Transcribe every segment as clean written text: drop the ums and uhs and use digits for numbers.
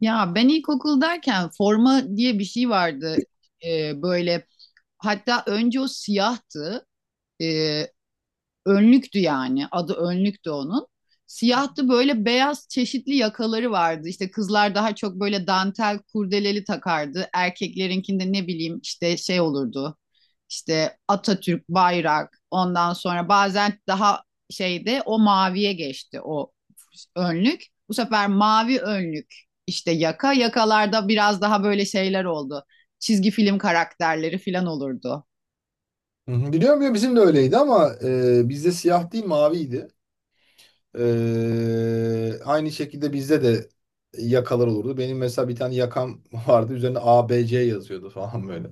Ya ben ilkokuldayken forma diye bir şey vardı. Böyle hatta önce o siyahtı, önlüktü yani. Adı önlüktü onun. Siyahtı böyle, beyaz çeşitli yakaları vardı. İşte kızlar daha çok böyle dantel kurdeleli takardı. Erkeklerinkinde ne bileyim işte şey olurdu. İşte Atatürk, bayrak. Ondan sonra bazen daha şeyde o maviye geçti o önlük. Bu sefer mavi önlük, işte yaka. Yakalarda biraz daha böyle şeyler oldu, çizgi film karakterleri falan olurdu. Hı hı. Biliyorum ya bizim de öyleydi ama bizde siyah değil maviydi. Aynı şekilde bizde de yakalar olurdu. Benim mesela bir tane yakam vardı. Üzerine A B C yazıyordu falan böyle.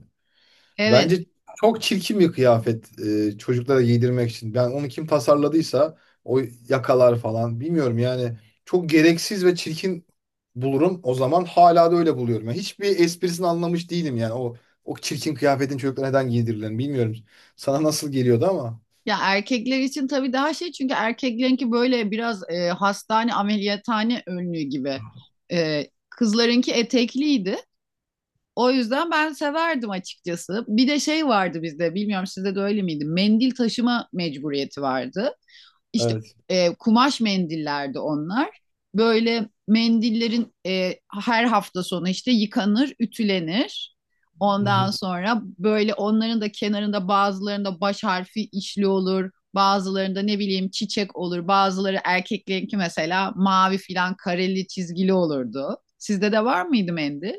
Evet. Bence çok çirkin bir kıyafet çocuklara giydirmek için. Ben onu kim tasarladıysa o yakalar falan bilmiyorum yani çok gereksiz ve çirkin bulurum. O zaman hala da öyle buluyorum. Yani hiçbir esprisini anlamış değilim yani o çirkin kıyafetin çocuklara neden giydirilen bilmiyorum. Sana nasıl geliyordu ama. Ya erkekler için tabii daha şey, çünkü erkeklerinki böyle biraz hastane ameliyathane önlüğü gibi. Kızlarınki etekliydi. O yüzden ben severdim açıkçası. Bir de şey vardı bizde, bilmiyorum sizde de öyle miydi? Mendil taşıma mecburiyeti vardı. İşte Evet. Kumaş mendillerdi onlar. Böyle mendillerin her hafta sonu işte yıkanır, ütülenir. Ondan sonra böyle onların da kenarında bazılarında baş harfi işli olur. Bazılarında ne bileyim çiçek olur. Bazıları erkeklerinki mesela mavi filan kareli çizgili olurdu. Sizde de var mıydı mendil?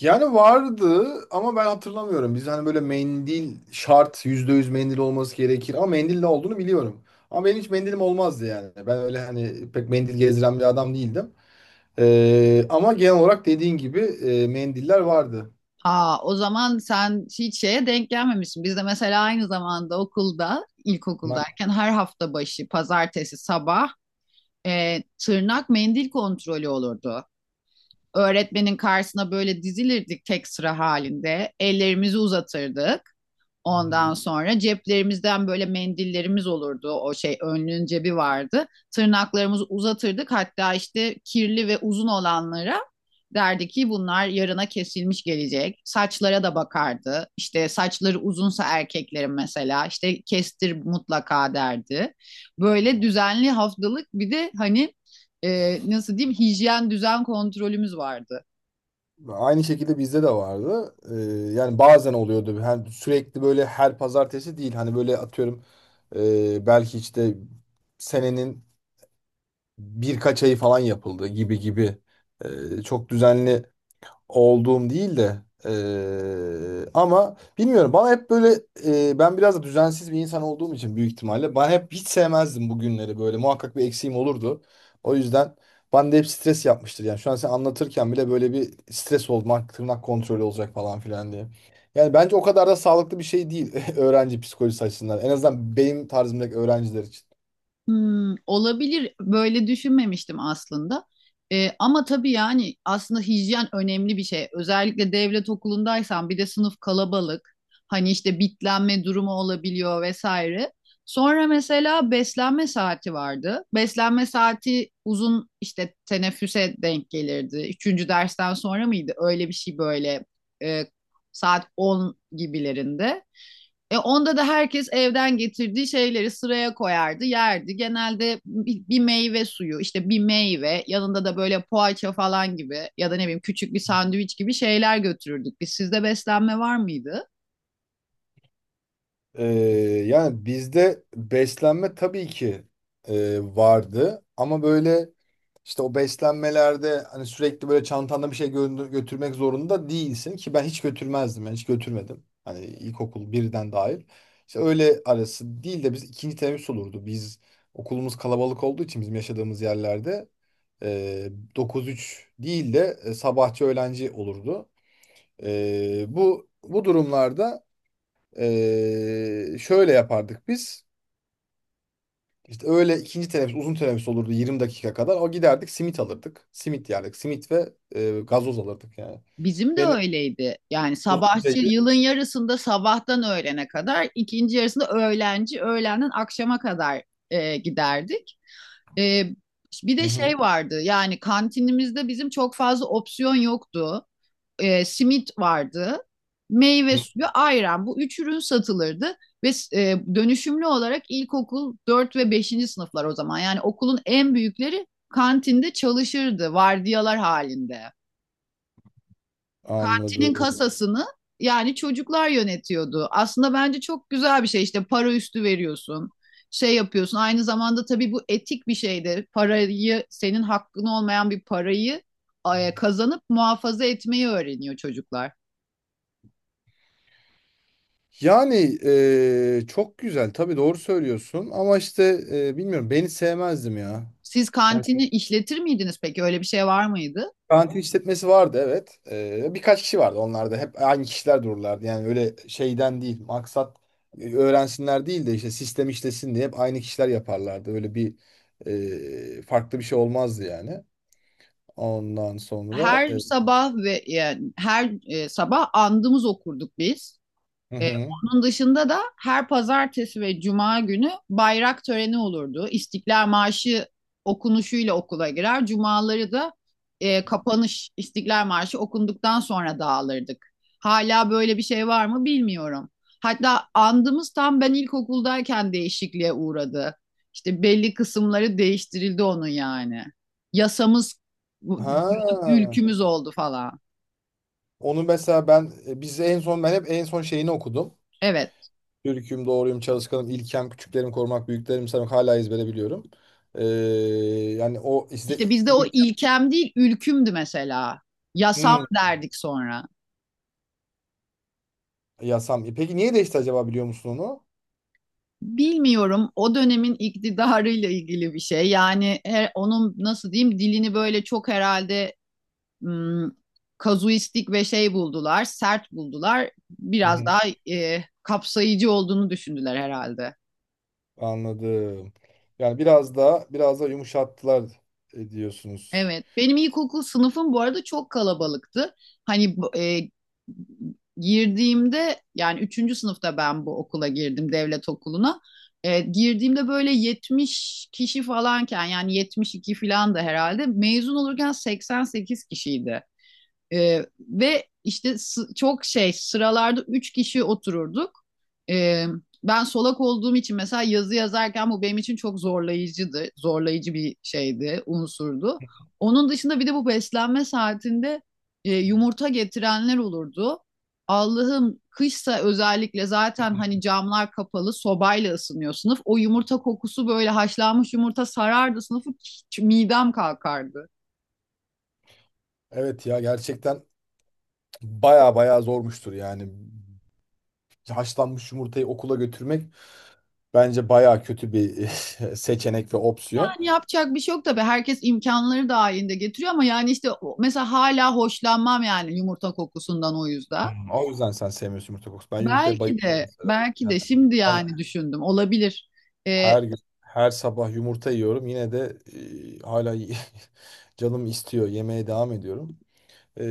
Yani vardı ama ben hatırlamıyorum. Biz hani böyle mendil şart %100 mendil olması gerekir ama mendil ne olduğunu biliyorum. Ama benim hiç mendilim olmazdı yani. Ben öyle hani pek mendil gezdiren bir adam değildim. Ama genel olarak dediğin gibi mendiller vardı. Aa, o zaman sen hiç şeye denk gelmemişsin. Bizde mesela aynı zamanda okulda, Bunlar- ilkokuldayken her hafta başı pazartesi sabah tırnak mendil kontrolü olurdu. Öğretmenin karşısına böyle dizilirdik tek sıra halinde. Ellerimizi uzatırdık. Ondan sonra ceplerimizden böyle mendillerimiz olurdu. O şey, önlüğün cebi vardı. Tırnaklarımızı uzatırdık. Hatta işte kirli ve uzun olanlara derdi ki bunlar yarına kesilmiş gelecek. Saçlara da bakardı. İşte saçları uzunsa erkeklerin mesela işte kestir mutlaka derdi. Böyle düzenli haftalık bir de hani nasıl diyeyim, hijyen düzen kontrolümüz vardı. Aynı şekilde bizde de vardı. Yani bazen oluyordu. Yani sürekli böyle her pazartesi değil. Hani böyle atıyorum belki işte senenin birkaç ay falan yapıldı gibi gibi. Çok düzenli olduğum değil de ama bilmiyorum bana hep böyle ben biraz da düzensiz bir insan olduğum için büyük ihtimalle ben hep hiç sevmezdim bu günleri böyle muhakkak bir eksiğim olurdu. O yüzden bana da hep stres yapmıştır yani şu an sen anlatırken bile böyle bir stres olmak tırnak kontrolü olacak falan filan diye. Yani bence o kadar da sağlıklı bir şey değil öğrenci psikolojisi açısından en azından benim tarzımdaki öğrenciler için. Hmm, olabilir. Böyle düşünmemiştim aslında. Ama tabii yani aslında hijyen önemli bir şey. Özellikle devlet okulundaysan bir de sınıf kalabalık. Hani işte bitlenme durumu olabiliyor vesaire. Sonra mesela beslenme saati vardı. Beslenme saati uzun işte teneffüse denk gelirdi. Üçüncü dersten sonra mıydı? Öyle bir şey, böyle e, saat 10 gibilerinde. Onda da herkes evden getirdiği şeyleri sıraya koyardı, yerdi. Genelde bir meyve suyu, işte bir meyve, yanında da böyle poğaça falan gibi ya da ne bileyim küçük bir sandviç gibi şeyler götürürdük. Biz, sizde beslenme var mıydı? Ee, Yani bizde beslenme tabii ki vardı ama böyle işte o beslenmelerde hani sürekli böyle çantanda bir şey götürmek zorunda değilsin ki ben hiç götürmezdim yani hiç götürmedim. Hani ilkokul birden dahil. İşte öyle arası değil de biz ikinci teneffüs olurdu. Biz okulumuz kalabalık olduğu için bizim yaşadığımız yerlerde e, 9-3 değil de sabahçı öğlenci olurdu. Bu durumlarda şöyle yapardık biz. İşte öğle ikinci teneffüs uzun teneffüs olurdu 20 dakika kadar. O giderdik simit alırdık. Simit yerdik. Simit ve gazoz alırdık yani. Bizim de Benim öyleydi. Yani uzun sabahçı süredir... yılın yarısında sabahtan öğlene kadar, ikinci yarısında öğlenci, öğlenden akşama kadar giderdik. E, Bir Hı de hı. şey vardı, yani kantinimizde bizim çok fazla opsiyon yoktu. Simit vardı, meyve Hı. suyu, ayran. Bu üç ürün satılırdı ve dönüşümlü olarak ilkokul 4 ve beşinci sınıflar o zaman. Yani okulun en büyükleri kantinde çalışırdı vardiyalar halinde. Kantinin Anladım. kasasını yani çocuklar yönetiyordu. Aslında bence çok güzel bir şey, işte para üstü veriyorsun, şey yapıyorsun. Aynı zamanda tabii bu etik bir şey de, parayı, senin hakkın olmayan bir parayı kazanıp muhafaza etmeyi öğreniyor çocuklar. Yani çok güzel. Tabii doğru söylüyorsun. Ama işte bilmiyorum. Ben hiç sevmezdim ya. Siz Yani kantini işletir miydiniz peki? Öyle bir şey var mıydı? karantin işletmesi vardı, evet. Birkaç kişi vardı. Onlar da hep aynı kişiler dururlardı. Yani öyle şeyden değil. Maksat öğrensinler değil de işte sistem işlesin diye hep aynı kişiler yaparlardı. Öyle bir farklı bir şey olmazdı yani. Ondan sonra Her e, sabah ve yani her sabah andımız okurduk biz. Hı Ee, hı. Onun dışında da her pazartesi ve cuma günü bayrak töreni olurdu. İstiklal Marşı okunuşuyla okula girer. Cumaları da kapanış İstiklal Marşı okunduktan sonra dağılırdık. Hala böyle bir şey var mı bilmiyorum. Hatta andımız tam ben ilkokuldayken değişikliğe uğradı. İşte belli kısımları değiştirildi onun yani. Yasamız diyorduk, Ha, ülkümüz oldu falan. onu mesela ben biz en son ben hep en son şeyini okudum. Evet. Türk'üm, doğruyum, çalışkanım, ilkem, küçüklerimi korumak, büyüklerimi sevmek hala ezbere biliyorum. Ee, Yani o işte İşte bizde o ilk, ilkem değil, ülkümdü mesela. Yasam Hmm. derdik sonra. Yasam. Peki niye değişti acaba biliyor musun onu? Bilmiyorum, o dönemin iktidarıyla ilgili bir şey. Yani her, onun nasıl diyeyim dilini böyle çok herhalde hmm, kazuistik ve şey buldular, sert buldular. Hı Biraz hı. daha kapsayıcı olduğunu düşündüler herhalde. Anladım. Yani biraz da biraz da yumuşattılar, diyorsunuz. Evet, benim ilkokul sınıfım bu arada çok kalabalıktı. Hani girdiğimde, yani üçüncü sınıfta ben bu okula girdim, devlet okuluna. Girdiğimde böyle 70 kişi falanken, yani 72 falan, da herhalde mezun olurken 88 kişiydi. Ve işte çok şey, sıralarda üç kişi otururduk. Ee, Ben solak olduğum için mesela yazı yazarken bu benim için çok zorlayıcıydı. Zorlayıcı bir şeydi, unsurdu. Onun dışında bir de bu beslenme saatinde yumurta getirenler olurdu. Allah'ım, kışsa özellikle, zaten hani camlar kapalı, sobayla ısınıyor sınıf. O yumurta kokusu, böyle haşlanmış yumurta sarardı sınıfı, hiç midem kalkardı. Evet ya, gerçekten baya baya zormuştur yani. Haşlanmış yumurtayı okula götürmek bence baya kötü bir seçenek ve opsiyon. Yani yapacak bir şey yok tabii. Herkes imkanları dahilinde getiriyor ama yani işte mesela hala hoşlanmam yani yumurta kokusundan o yüzden. Hı. O yüzden sen sevmiyorsun yumurta kokusu. Ben yumurtaya Belki bayılıyorum de mesela. belki Yani de şimdi ben yani düşündüm, olabilir. Ee, her gün her sabah yumurta yiyorum. Yine de hala canım istiyor. Yemeye devam ediyorum. Ee,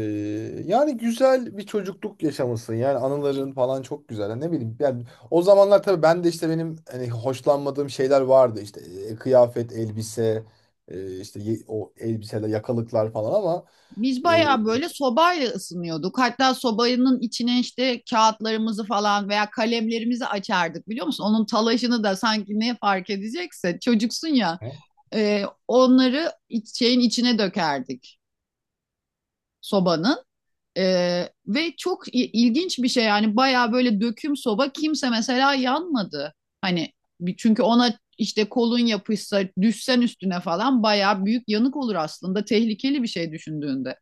Yani güzel bir çocukluk yaşamışsın. Yani anıların falan çok güzel. Yani ne bileyim. Yani o zamanlar tabii ben de işte benim hani hoşlanmadığım şeyler vardı. İşte kıyafet, elbise, işte o elbiseler, yakalıklar falan ama Biz e, bayağı böyle sobayla ısınıyorduk. Hatta sobanın içine işte kağıtlarımızı falan veya kalemlerimizi açardık, biliyor musun? Onun talaşını da, sanki ne fark edecekse, çocuksun ya. Onları şeyin içine dökerdik, sobanın. Ve çok ilginç bir şey yani, bayağı böyle döküm soba, kimse mesela yanmadı. Hani, çünkü ona işte kolun yapışsa, düşsen üstüne falan, bayağı büyük yanık olur aslında, tehlikeli bir şey düşündüğünde.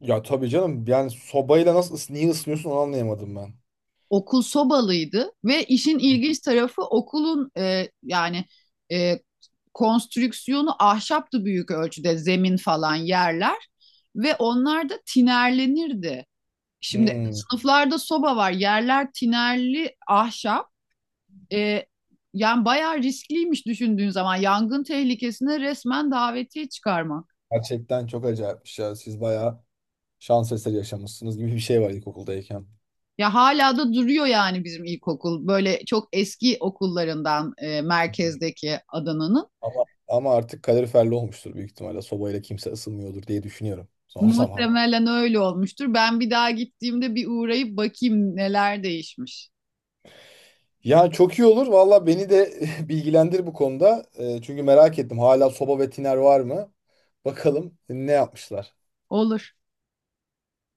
ya tabii canım yani sobayla nasıl niye ısınıyorsun onu anlayamadım ben. Okul sobalıydı ve işin ilginç tarafı okulun e, konstrüksiyonu ahşaptı büyük ölçüde, zemin falan yerler, ve onlar da tinerlenirdi. Şimdi Hmm, sınıflarda soba var, yerler tinerli ahşap. E, Yani bayağı riskliymiş düşündüğün zaman, yangın tehlikesine resmen davetiye çıkarmak. Gerçekten çok acayipmiş ya. Siz bayağı şans eseri yaşamışsınız gibi bir şey var ilkokuldayken. Ya hala da duruyor yani bizim ilkokul. Böyle çok eski okullarından merkezdeki Adana'nın. Ama artık kaloriferli olmuştur büyük ihtimalle. Sobayla kimse ısınmıyordur diye düşünüyorum son zaman. Muhtemelen öyle olmuştur. Ben bir daha gittiğimde bir uğrayıp bakayım neler değişmiş. Ya çok iyi olur. Valla beni de bilgilendir bu konuda. Çünkü merak ettim. Hala soba ve tiner var mı? Bakalım ne yapmışlar. Olur.